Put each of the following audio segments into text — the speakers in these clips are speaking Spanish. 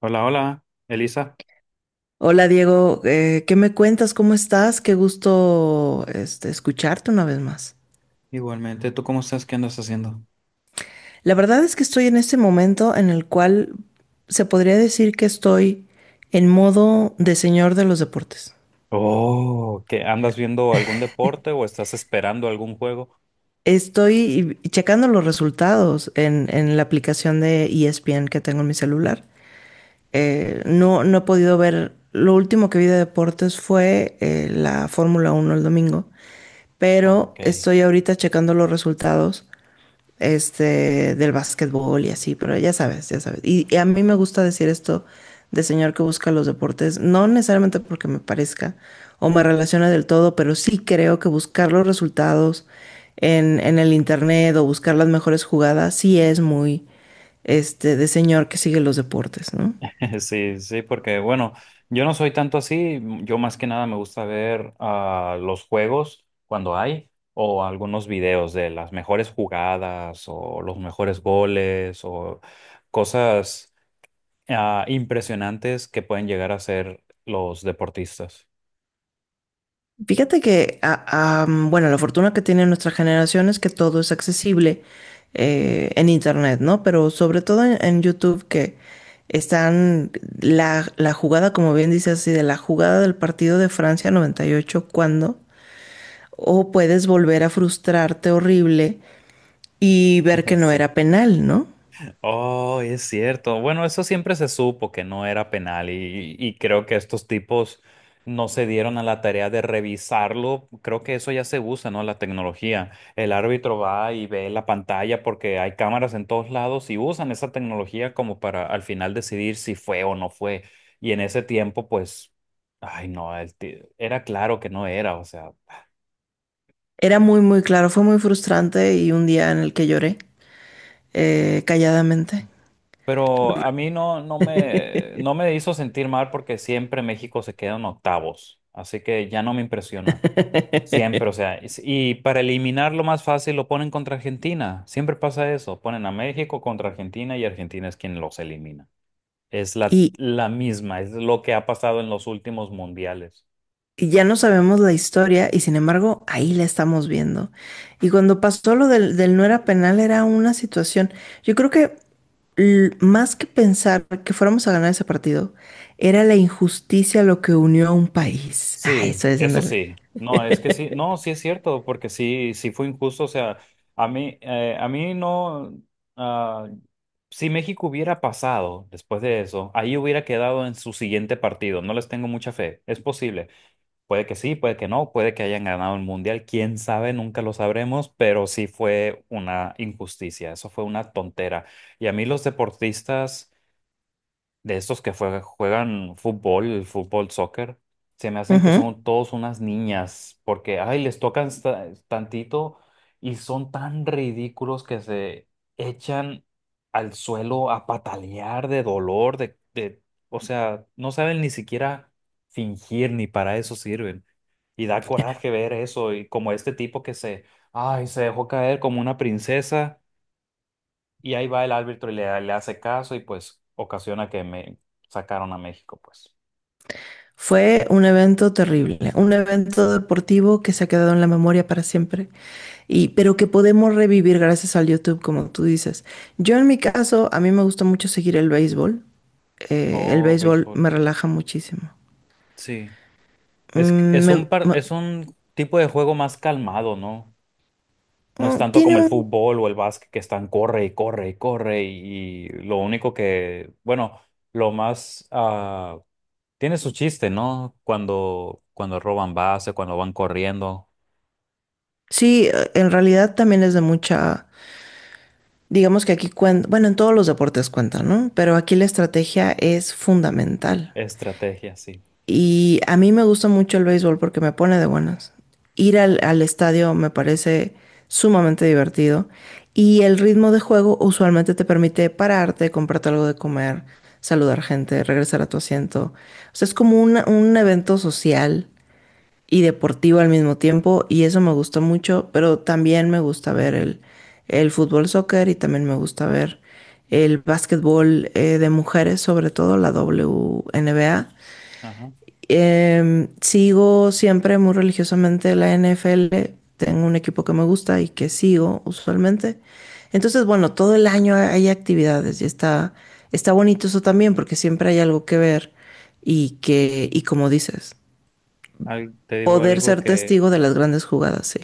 Hola, hola, Elisa. Hola Diego, ¿qué me cuentas? ¿Cómo estás? Qué gusto escucharte una vez más. Igualmente, ¿tú cómo estás? ¿Qué andas haciendo? La verdad es que estoy en este momento en el cual se podría decir que estoy en modo de señor de los deportes. Oh, ¿qué andas viendo algún deporte o estás esperando algún juego? Estoy checando los resultados en la aplicación de ESPN que tengo en mi celular. No he podido ver, lo último que vi de deportes fue la Fórmula Uno el domingo, pero Ok. estoy ahorita checando los resultados. Del básquetbol y así, pero ya sabes, ya sabes. Y a mí me gusta decir esto de señor que busca los deportes, no necesariamente porque me parezca o me relacione del todo, pero sí creo que buscar los resultados en el internet o buscar las mejores jugadas sí es de señor que sigue los deportes, ¿no? Sí, sí, porque bueno, yo no soy tanto así, yo más que nada me gusta ver los juegos cuando hay o algunos videos de las mejores jugadas o los mejores goles o cosas impresionantes que pueden llegar a ser los deportistas. Fíjate que, bueno, la fortuna que tiene nuestra generación es que todo es accesible en Internet, ¿no? Pero sobre todo en YouTube, que están la jugada, como bien dice así, de la jugada del partido de Francia 98 cuando, o puedes volver a frustrarte horrible y ver que no Sí. era penal, ¿no? Oh, es cierto. Bueno, eso siempre se supo que no era penal y creo que estos tipos no se dieron a la tarea de revisarlo. Creo que eso ya se usa, ¿no? La tecnología. El árbitro va y ve la pantalla porque hay cámaras en todos lados y usan esa tecnología como para al final decidir si fue o no fue. Y en ese tiempo, pues, ay, no, era claro que no era, o sea. Era muy, muy claro, fue muy frustrante y un día en el que lloré, calladamente. Pero a mí no me hizo sentir mal porque siempre México se queda en octavos, así que ya no me impresiona. Siempre, o sea, es- y para eliminarlo más fácil lo ponen contra Argentina. Siempre pasa eso, ponen a México contra Argentina y Argentina es quien los elimina. Es la, Y, la misma, es lo que ha pasado en los últimos mundiales. y ya no sabemos la historia y sin embargo ahí la estamos viendo. Y cuando pasó lo del no era penal era una situación, yo creo que más que pensar que fuéramos a ganar ese partido, era la injusticia lo que unió a un país. Ay, Sí, estoy eso diciéndole. sí. No, es que sí, no, sí es cierto, porque sí, sí fue injusto. O sea, a mí no, ah, si México hubiera pasado después de eso, ahí hubiera quedado en su siguiente partido. No les tengo mucha fe. Es posible. Puede que sí, puede que no, puede que hayan ganado el mundial. Quién sabe, nunca lo sabremos, pero sí fue una injusticia. Eso fue una tontera. Y a mí los deportistas de estos juegan fútbol, fútbol, soccer, se me hacen que son todos unas niñas, porque, ay, les tocan tantito y son tan ridículos que se echan al suelo a patalear de dolor, o sea, no saben ni siquiera fingir, ni para eso sirven. Y da coraje ver eso, y como este tipo que se, ay, se dejó caer como una princesa y ahí va el árbitro y le hace caso y pues ocasiona que me sacaron a México, pues. Fue un evento terrible, un evento deportivo que se ha quedado en la memoria para siempre, y, pero que podemos revivir gracias al YouTube, como tú dices. Yo en mi caso, a mí me gusta mucho seguir el béisbol. El Oh, béisbol béisbol. me relaja muchísimo. Sí. Es, que- Mm, es me- un par- me- Es un tipo de juego más calmado, ¿no? No es tanto Tiene como el un... fútbol o el básquet que están corre y corre y corre y lo único que, bueno, lo más tiene su chiste, ¿no? Cuando, cuando roban base, cuando van corriendo. Sí, en realidad también es de mucha... Digamos que aquí cuenta, bueno, en todos los deportes cuenta, ¿no? Pero aquí la estrategia es fundamental. Estrategia, sí. Y a mí me gusta mucho el béisbol porque me pone de buenas. Ir al estadio me parece sumamente divertido y el ritmo de juego usualmente te permite pararte, comprarte algo de comer, saludar gente, regresar a tu asiento. O sea, es como un evento social y deportivo al mismo tiempo y eso me gusta mucho, pero también me gusta ver el fútbol soccer y también me gusta ver el básquetbol de mujeres, sobre todo la WNBA. Ajá. Sigo siempre muy religiosamente la NFL. Tengo un equipo que me gusta y que sigo usualmente. Entonces, bueno, todo el año hay actividades y está bonito eso también porque siempre hay algo que ver y que, y como dices, Te digo poder algo ser que testigo de las grandes jugadas, sí.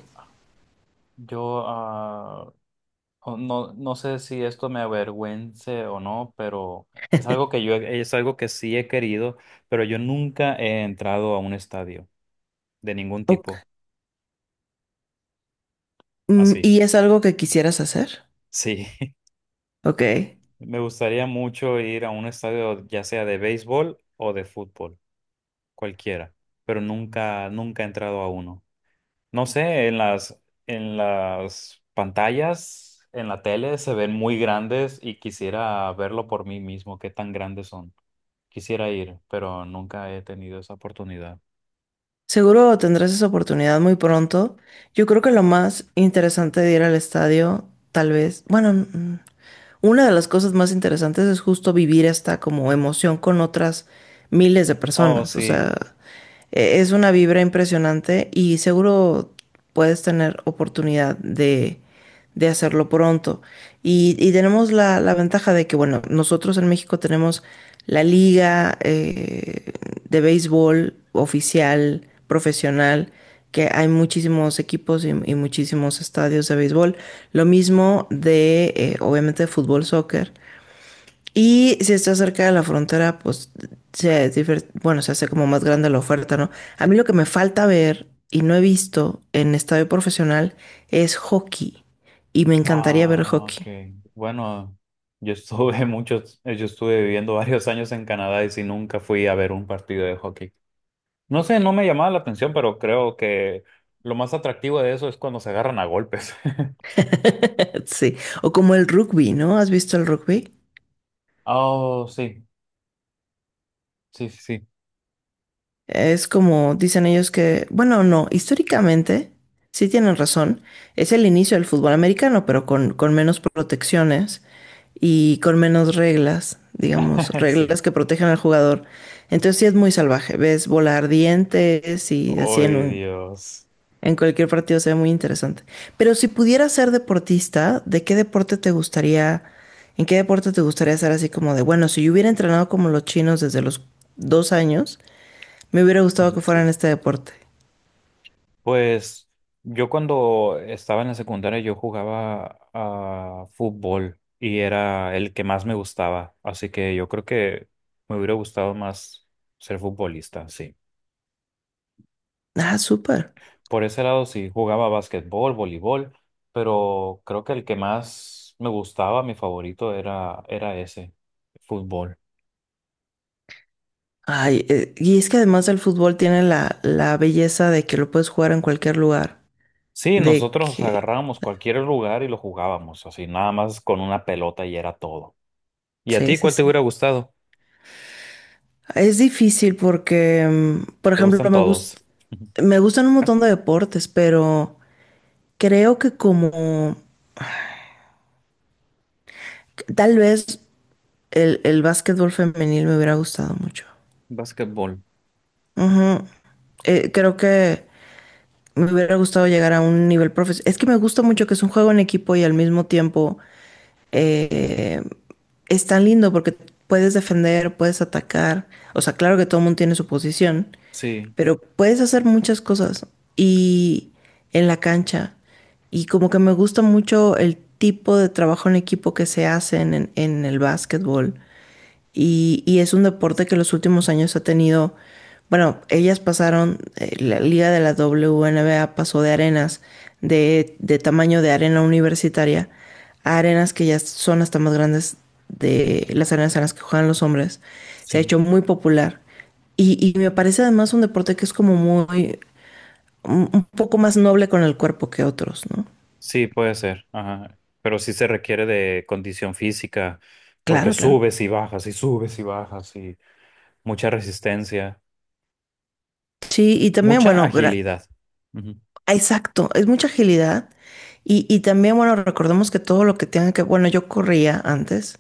yo o no, no sé si esto me avergüence o no, pero es algo que es algo que sí he querido, pero yo nunca he entrado a un estadio de ningún tipo. Ok. Mm, Así. ¿y es algo que quisieras hacer? Sí, Ok. me gustaría mucho ir a un estadio, ya sea de béisbol o de fútbol, cualquiera, pero nunca, nunca he entrado a uno. No sé, en en las pantallas, en la tele se ven muy grandes y quisiera verlo por mí mismo, qué tan grandes son. Quisiera ir, pero nunca he tenido esa oportunidad. Seguro tendrás esa oportunidad muy pronto. Yo creo que lo más interesante de ir al estadio, tal vez, bueno, mm, una de las cosas más interesantes es justo vivir esta como emoción con otras miles de Oh, personas. O sí. sea, e- es una vibra impresionante y seguro puedes tener oportunidad de hacerlo pronto. Y tenemos la ventaja de que, bueno, nosotros en México tenemos la liga, de béisbol oficial, profesional, que hay muchísimos equipos y muchísimos estadios de béisbol. Lo mismo de, obviamente, de fútbol, soccer. Y si está cerca de la frontera, pues bueno, se hace como más grande la oferta, ¿no? A mí lo que me falta ver y no he visto en estadio profesional es hockey. Y me encantaría ver Ah, ok. hockey. Bueno, yo estuve yo estuve viviendo varios años en Canadá y sí nunca fui a ver un partido de hockey. No sé, no me llamaba la atención, pero creo que lo más atractivo de eso es cuando se agarran a golpes. Sí. O como el rugby, ¿no? ¿Has visto el rugby? Oh, sí, sí, sí. Es como dicen ellos que, bueno, no, históricamente, sí tienen razón, es el inicio del fútbol americano, pero con menos protecciones y con menos reglas, digamos, Sí. reglas que protegen al jugador. Entonces sí es muy salvaje, ves volar dientes y así en Ay, un, Dios. en cualquier partido se ve muy interesante. Pero si pudieras ser deportista, ¿de qué deporte te gustaría, en qué deporte te gustaría ser así como de, bueno, si yo hubiera entrenado como los chinos desde los 2 años, me hubiera gustado Ay, que fuera en sí. este deporte? Pues yo cuando estaba en la secundaria yo jugaba a fútbol y era el que más me gustaba, así que yo creo que me hubiera gustado más ser futbolista, sí. Ah, súper. Por ese lado sí, jugaba básquetbol, voleibol, pero creo que el que más me gustaba, mi favorito era ese, fútbol. Ay, y es que además del fútbol tiene la belleza de que lo puedes jugar en cualquier lugar. Sí, De nosotros que... agarrábamos cualquier lugar y lo jugábamos, así nada más con una pelota y era todo. ¿Y a Sí, ti sí, cuál te sí. hubiera gustado? Es difícil porque, mm, por ¿Te ejemplo, gustan todos? me gustan un montón de deportes, pero creo que como... Tal vez el básquetbol femenil me hubiera gustado mucho. Básquetbol, Ujú. Creo que me hubiera gustado llegar a un nivel profesional. Es que me gusta mucho que es un juego en equipo y al mismo tiempo, eh, es tan lindo porque puedes defender, puedes atacar. O sea, claro que todo el mundo tiene su posición, sí, pero puedes hacer muchas cosas y en la cancha. Y como que me gusta mucho el tipo de trabajo en equipo que se hace en el básquetbol. Y es un deporte que los últimos años ha tenido, bueno, ellas pasaron, la liga de la W N B A pasó de arenas de tamaño de arena universitaria a arenas que ya son hasta más grandes de las arenas en las que juegan los hombres. Se ha sí. hecho muy popular. Y me parece además un deporte que es como muy, un poco más noble con el cuerpo que otros, ¿no? Sí, puede ser. Ajá. Pero sí se requiere de condición física, porque Claro, claro. subes y bajas y subes y bajas y mucha resistencia, Sí, y también, mucha agilidad. Ujú. ah, exacto, es mucha agilidad. Y también, bueno, recordemos que todo lo que tenga que, bueno, yo corría antes,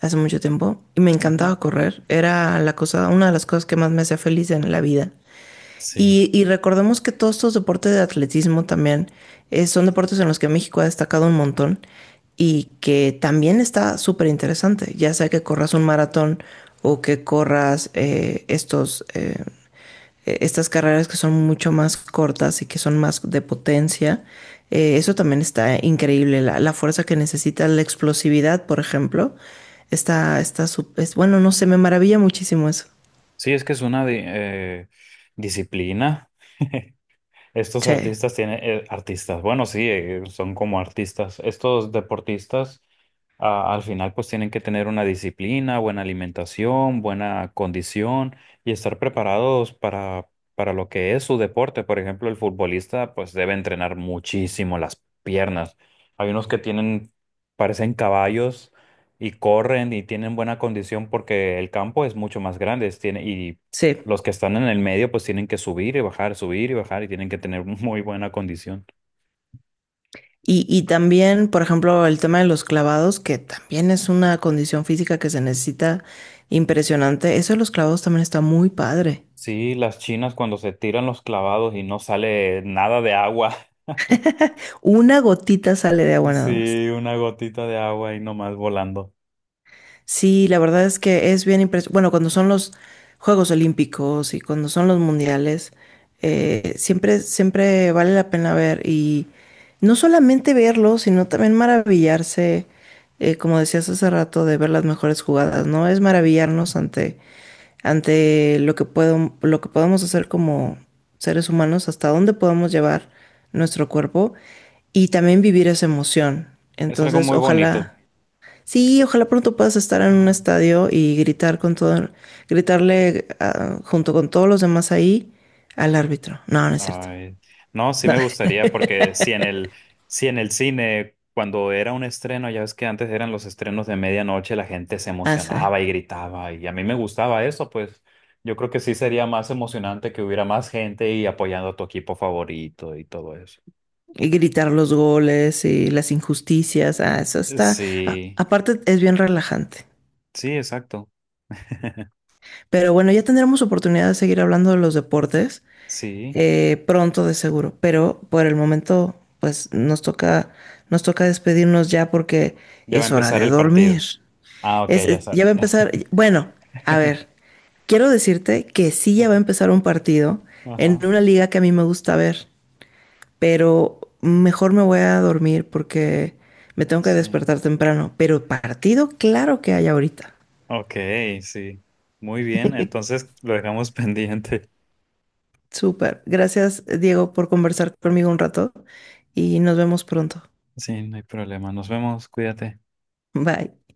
hace mucho tiempo y me Ujú. encantaba correr. Era la cosa, una de las cosas que más me hacía feliz en la vida. Sí. Y recordemos que todos estos deportes de atletismo también, son deportes en los que México ha destacado un montón y que también está súper interesante, ya sea que corras un maratón o que corras estas carreras que son mucho más cortas y que son más de potencia. Eso también está increíble, la fuerza que necesitas, la explosividad, por ejemplo. Es bueno, no sé, me maravilla muchísimo eso. Sí, es que es una disciplina. Estos Sí, artistas tienen, artistas, bueno, sí, son como artistas. Estos deportistas, ah, al final, pues tienen que tener una disciplina, buena alimentación, buena condición y estar preparados para lo que es su deporte. Por ejemplo, el futbolista, pues debe entrenar muchísimo las piernas. Hay unos que tienen, parecen caballos y corren y tienen buena condición porque el campo es mucho más grande, tiene, y sí. los que están en el medio pues tienen que subir y bajar y tienen que tener muy buena condición. Y también, por ejemplo, el tema de los clavados, que también es una condición física que se necesita impresionante. Eso de los clavados también está muy padre. Sí, las chinas cuando se tiran los clavados y no sale nada de agua. Una gotita sale de agua nada más. Sí, una gotita de agua y nomás volando. Sí, la verdad es que es bien impresionante. Bueno, cuando son los Juegos Olímpicos y cuando son los mundiales, siempre, siempre vale la pena ver y no solamente verlo, sino también maravillarse, como decías hace rato, de ver las mejores jugadas, ¿no? Es maravillarnos ante, ante lo que puedo, lo que podemos hacer como seres humanos, hasta dónde podemos llevar nuestro cuerpo y también vivir esa emoción. Es algo Entonces, muy bonito. ojalá. Sí, ojalá pronto puedas estar en un Ajá. estadio y gritar con todo, gritarle junto con todos los demás ahí al árbitro. No, no es cierto. Ay, no, sí No, me gustaría porque si en el cine, cuando era un estreno, ya ves que antes eran los estrenos de medianoche, la gente se sí. emocionaba y gritaba y a mí me gustaba eso, pues yo creo que sí sería más emocionante que hubiera más gente y apoyando a tu equipo favorito y todo eso. Y gritar los goles y las injusticias. Ah, eso está. A Sí, aparte, es bien relajante. sí, exacto. Pero bueno, ya tendremos oportunidad de seguir hablando de los deportes, Sí, pronto, de seguro. Pero por el momento, pues nos toca despedirnos ya porque ya va a es hora empezar de el partido. dormir. Ah, ok, ya Ya será. va a empezar, bueno, a ver, quiero decirte que sí, ya va a Ajá, empezar un partido en ajá, una liga que a mí me gusta ver, pero mejor me voy a dormir porque me tengo que sí. despertar temprano, pero partido claro que hay ahorita. Ok, sí. Muy bien, entonces lo dejamos pendiente. Súper. Gracias, Diego, por conversar conmigo un rato y nos vemos pronto. Sí, no hay problema. Nos vemos, cuídate. Bye.